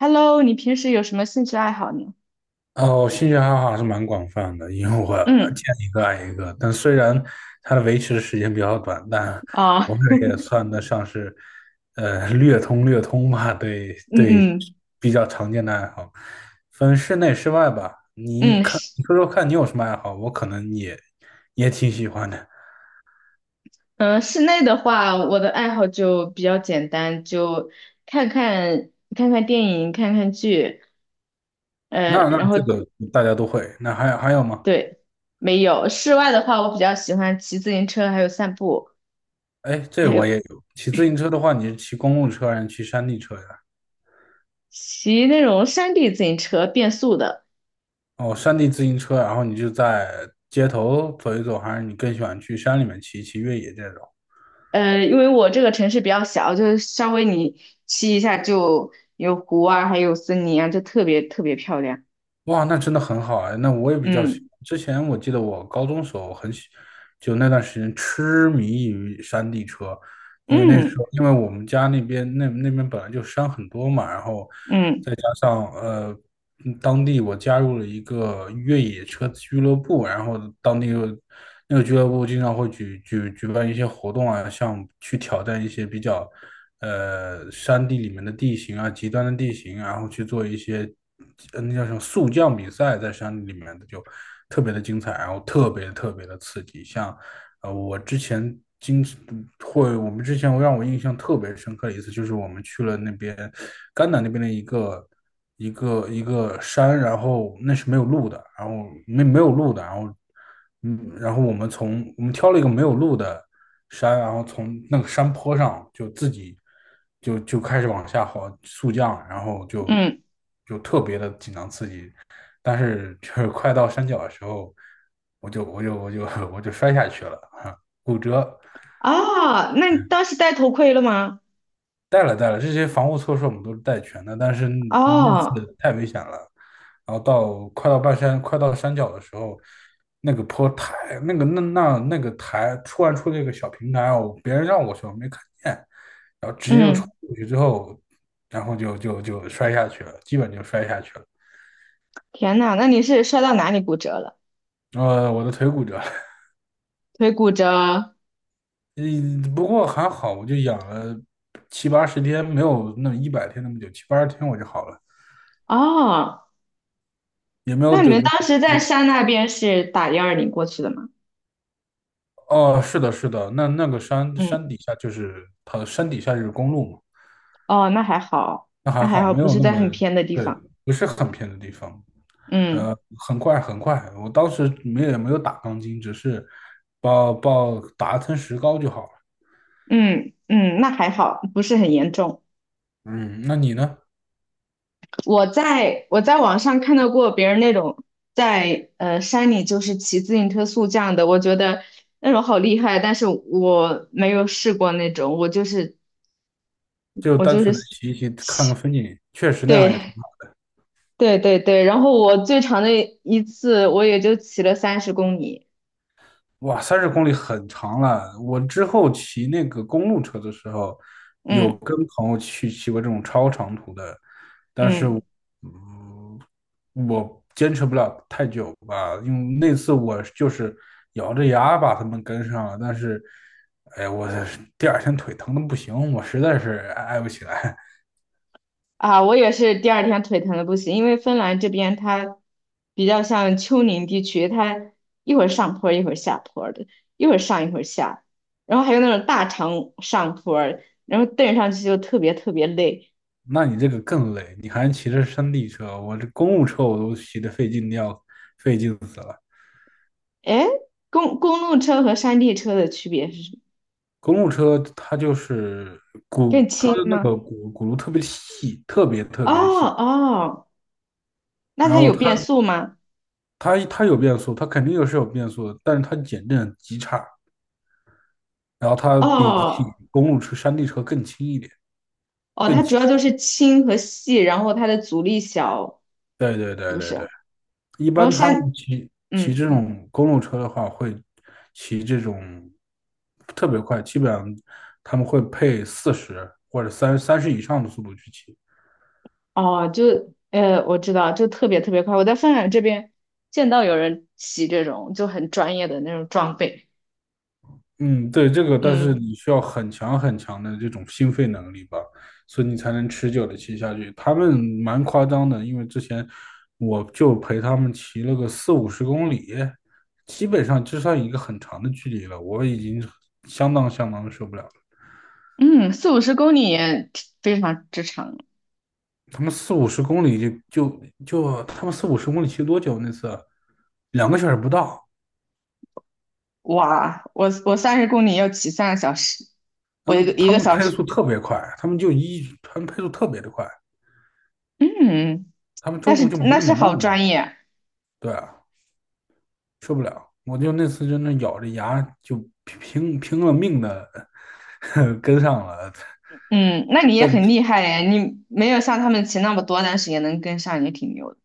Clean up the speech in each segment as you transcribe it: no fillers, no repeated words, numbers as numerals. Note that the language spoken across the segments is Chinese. Hello,你平时有什么兴趣爱好呢？哦，兴趣爱好还是蛮广泛的，因为我嗯。见一个爱一个。但虽然它的维持时间比较短，但啊。我这也算得上是，略通略通吧。对嗯对，嗯。比较常见的爱好，分室内室外吧。你嗯，看，室你说说看你有什么爱好？我可能也挺喜欢的。嗯，室内的话，我的爱好就比较简单，就看看电影，看看剧，呃，那然这后个大家都会。那还有吗？对，没有。室外的话，我比较喜欢骑自行车，还有散步，哎，这还我有也有。骑自行车的话，你是骑公路车还是骑山地车呀？骑那种山地自行车，变速的。哦，山地自行车，然后你就在街头走一走，还是你更喜欢去山里面骑一骑越野这种？因为我这个城市比较小，就是稍微你骑一下就有湖啊，还有森林啊，就特别特别漂亮。哇，那真的很好啊！那我也比较喜嗯。欢，之前我记得我高中时候就那段时间痴迷于山地车，因为那时嗯候我们家那边本来就山很多嘛，然后嗯。再加上当地我加入了一个越野车俱乐部，然后当地有那个俱乐部经常会举办一些活动啊，像去挑战一些比较山地里面的地形啊，极端的地形，然后去做一些那叫什么速降比赛，在山里面的就特别的精彩，然后特别特别的刺激，像。呃，我之前经我们之前让我印象特别深刻的一次，就是我们去了那边甘南那边的一个山，然后那是没有路的，然后没有路的，然后然后我们挑了一个没有路的山，然后从那个山坡上就自己就开始往下滑速降，然后嗯。就特别的紧张刺激，但是就是快到山脚的时候，我就我就我就我就摔下去了，骨折。哦，那你当时戴头盔了吗？带了带了，这些防护措施我们都是带全的，但是那哦。次太危险了。然后到快到半山，快到山脚的时候，那个坡台，那个台突然出了一个小平台，别人让我去，我没看见，然后直接就冲嗯。过去之后，然后就摔下去了，基本就摔下去了。天呐，那你是摔到哪里骨折了？我的腿骨折了，腿骨折。嗯，不过还好，我就养了七八十天，没有那100天那么久，七八十天我就好了，哦，也没有那你们等。当时在山那边是打120过去的吗？哦，是的，是的，那个山嗯。山底下就是它的山底下就是公路嘛。哦，那还好。那那还还好，好，没不有是那在很么，偏的地对，方。不是很偏的地方。嗯呃，很快很快，我当时没也没有打钢筋，只是报打一层石膏就好了。嗯。嗯，那还好，不是很严重。嗯，那你呢？我在网上看到过别人那种在山里就是骑自行车速降的，我觉得那种好厉害，但是我没有试过那种，我就是就我单就纯的是骑一骑，看看骑，风景，确实那样也挺对好。对对对，然后我最长的一次我也就骑了三十公里。哇，30公里很长了。我之后骑那个公路车的时候，有嗯跟朋友去骑过这种超长途的，但是嗯。我，嗯，我坚持不了太久吧，因为那次我就是咬着牙把他们跟上了，但是，哎，我第二天腿疼的不行，我实在是挨不起来。啊，我也是第二天腿疼的不行，因为芬兰这边它比较像丘陵地区，它一会儿上坡儿一会儿下坡儿的，一会儿上一会儿下，然后还有那种大长上坡儿然后蹬上去就特别特别累。那你这个更累，你还骑着山地车，我这公路车我都骑得费劲的要费劲死了。哎，公路车和山地车的区别是什么？公路车它就是更它轻的那个吗？轱辘特别细，特别特哦。别细，哦，那然它后有变速吗？它有变速，它肯定有是有变速的，但是它减震极差，然后它比起哦。公路车、山地车更轻一点，哦，更它主轻。要就是轻和细，然后它的阻力小，对对是对不对对，是？一然后般他们山，骑嗯。这种公路车的话，会骑这种特别快，基本上他们会配四十或者三十以上的速度去骑。哦，我知道，就特别特别快。我在饭馆这边见到有人骑这种就很专业的那种装备。嗯，对，这个，但是嗯你需要很强很强的这种心肺能力吧，所以你才能持久的骑下去。他们蛮夸张的，因为之前我就陪他们骑了个四五十公里，基本上就算一个很长的距离了，我已经相当相当的受不了了。嗯，40到50公里也非常之长。他们四五十公里他们四五十公里骑多久那次啊？2个小时不到，哇，我我三十公里要骑3个小时，我一个一个小时。他们配速特别的快，嗯，他们那中是途就没那那么是慢好了。专业。对啊。受不了。我就那次真的咬着牙就拼了命的 跟上了。嗯，那你也很厉害耶，你没有像他们骑那么多，但是也能跟上，也挺牛的。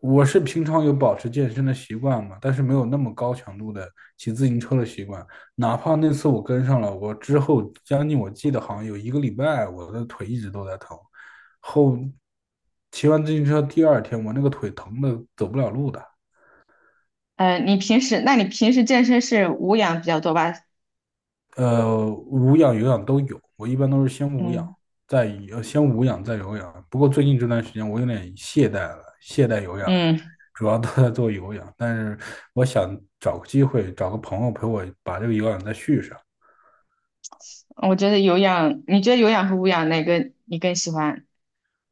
我是平常有保持健身的习惯嘛，但是没有那么高强度的骑自行车的习惯。哪怕那次我跟上了，我之后将近我记得好像有一个礼拜，我的腿一直都在疼。后骑完自行车第二天，我那个腿疼的走不了路的。你平时健身是无氧比较多吧？无氧有氧都有，我一般都是先无氧，嗯再再有氧。不过最近这段时间我有点懈怠了，懈怠有氧，嗯。主要都在做有氧。但是我想找个机会，找个朋友陪我把这个有氧再续上。我觉得有氧，你觉得有氧和无氧哪个你更喜欢？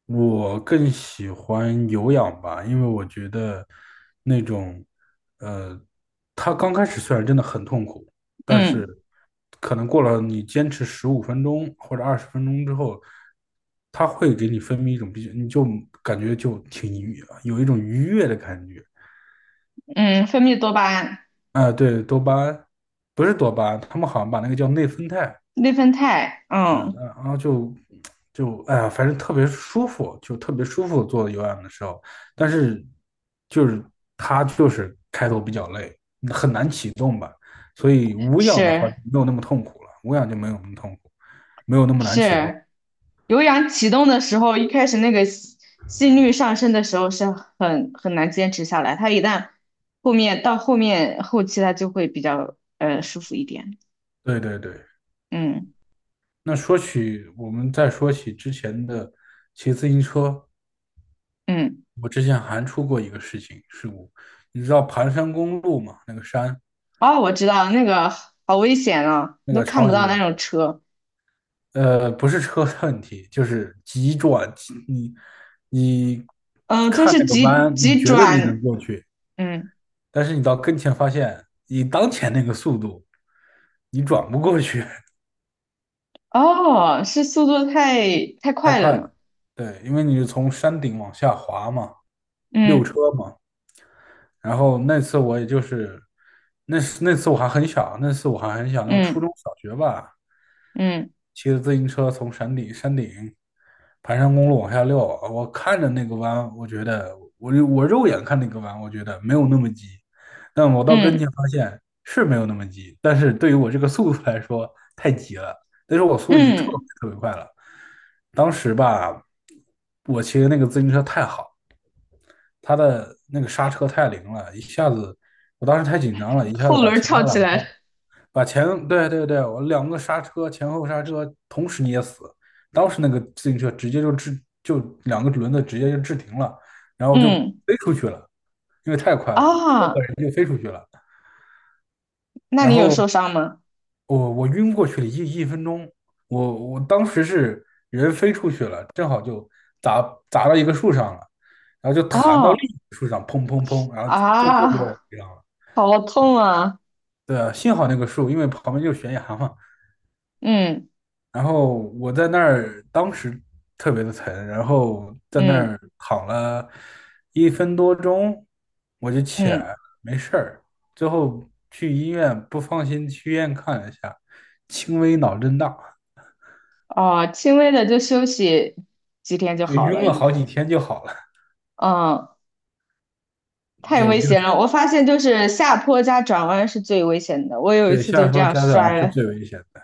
我更喜欢有氧吧，因为我觉得那种，呃，它刚开始虽然真的很痛苦，但是嗯可能过了你坚持15分钟或者20分钟之后，它会给你分泌一种比较，你就感觉就挺愉，有一种愉悦的感觉。嗯，分泌多巴胺、啊、对，多巴胺，不是多巴胺，他们好像把那个叫内啡肽，内啡肽，嗯，嗯。嗯然后就就哎呀，反正特别舒服，就特别舒服做有氧的时候，但是就是它就是开头比较累，很难启动吧，所以无氧的话是就没有那么痛苦了，无氧就没有那么痛苦，没有那么难启动。是，有氧启动的时候，一开始那个心率上升的时候是很难坚持下来，它一旦后面到后面后期它就会比较舒服一点。对对对，嗯那说起我们再说起之前的骑自行车，嗯。我之前还出过一个事故，你知道盘山公路嘛？那个山，哦，我知道那个好危险啊，那你都个看超不级到危那险。种车。不是车的问题，就是急转，你你嗯，就看是那个急弯，你急觉得你能转，过去，嗯。但是你到跟前发现，以当前那个速度，你转不过去，哦，是速度太太 太快了快嘛？了。对，因为你是从山顶往下滑嘛，溜嗯车嘛，然后那次我也就是，那次我还很小，那初嗯中小学吧，嗯骑着自行车从山顶盘山公路往下溜，我看着那个弯，我觉得我肉眼看那个弯，我觉得没有那么急，但我到跟嗯前发现是没有那么急，但是对于我这个速度来说太急了，那时候我速度已经特嗯，别特别快了，当时吧，我骑的那个自行车太好。他的那个刹车太灵了，一下子，我当时太紧张了，一下子后把轮儿前翘后两起个来了。对对对，我两个刹车前后刹车同时捏死，当时那个自行车直接就就两个轮子直接就制停了，然后就嗯。飞出去了，因为太快了，这个啊，人就飞出去了。那然你有后受伤吗？我晕过去了一分钟，我当时是人飞出去了，正好就砸砸到一个树上了，然后就弹到哦。另一棵树上，砰砰砰，然后最后把我啊，击上了。好痛啊！对啊，幸好那个树，因为旁边就是悬崖嘛。嗯然后我在那儿，当时特别的疼，然后在那嗯。儿躺了1分多钟，我就起嗯，来了没事儿。最后去医院，不放心去医院看了一下，轻微脑震荡。哦，轻微的就休息几天就就好晕了，了应该。好几天就好了，嗯，太就危就险了，我发现就是下坡加转弯是最危险的，我有一对次就下这车样加转摔是了。最危险的。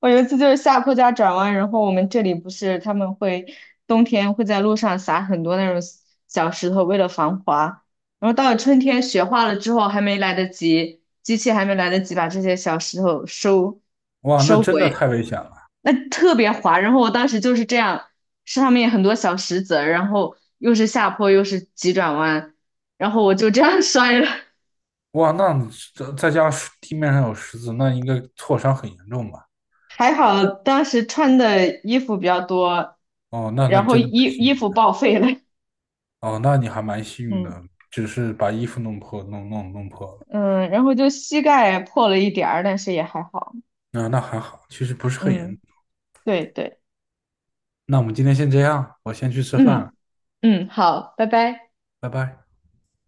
我有一次就是下坡加转弯，然后我们这里不是他们会冬天会在路上撒很多那种小石头，为了防滑。然后到了春天雪化了之后，还没来得及，机器还没来得及把这些小石头收哇，那收真的回，太危险了！那特别滑。然后我当时就是这样，上面很多小石子儿，然后又是下坡又是急转弯，然后我就这样 摔了。哇，那再加上地面上有石子，那应该挫伤很严重吧？还好当时穿的衣服比较多，哦，那然后真衣的蛮幸衣运服报的废了。哦，那你还蛮幸运嗯。的，只是把衣服弄破，弄破了。嗯，然后就膝盖破了一点儿，但是也还好。那还好，其实不是很严嗯，重。对对。那我们今天先这样，我先去吃饭了，嗯嗯，好，拜拜。拜拜。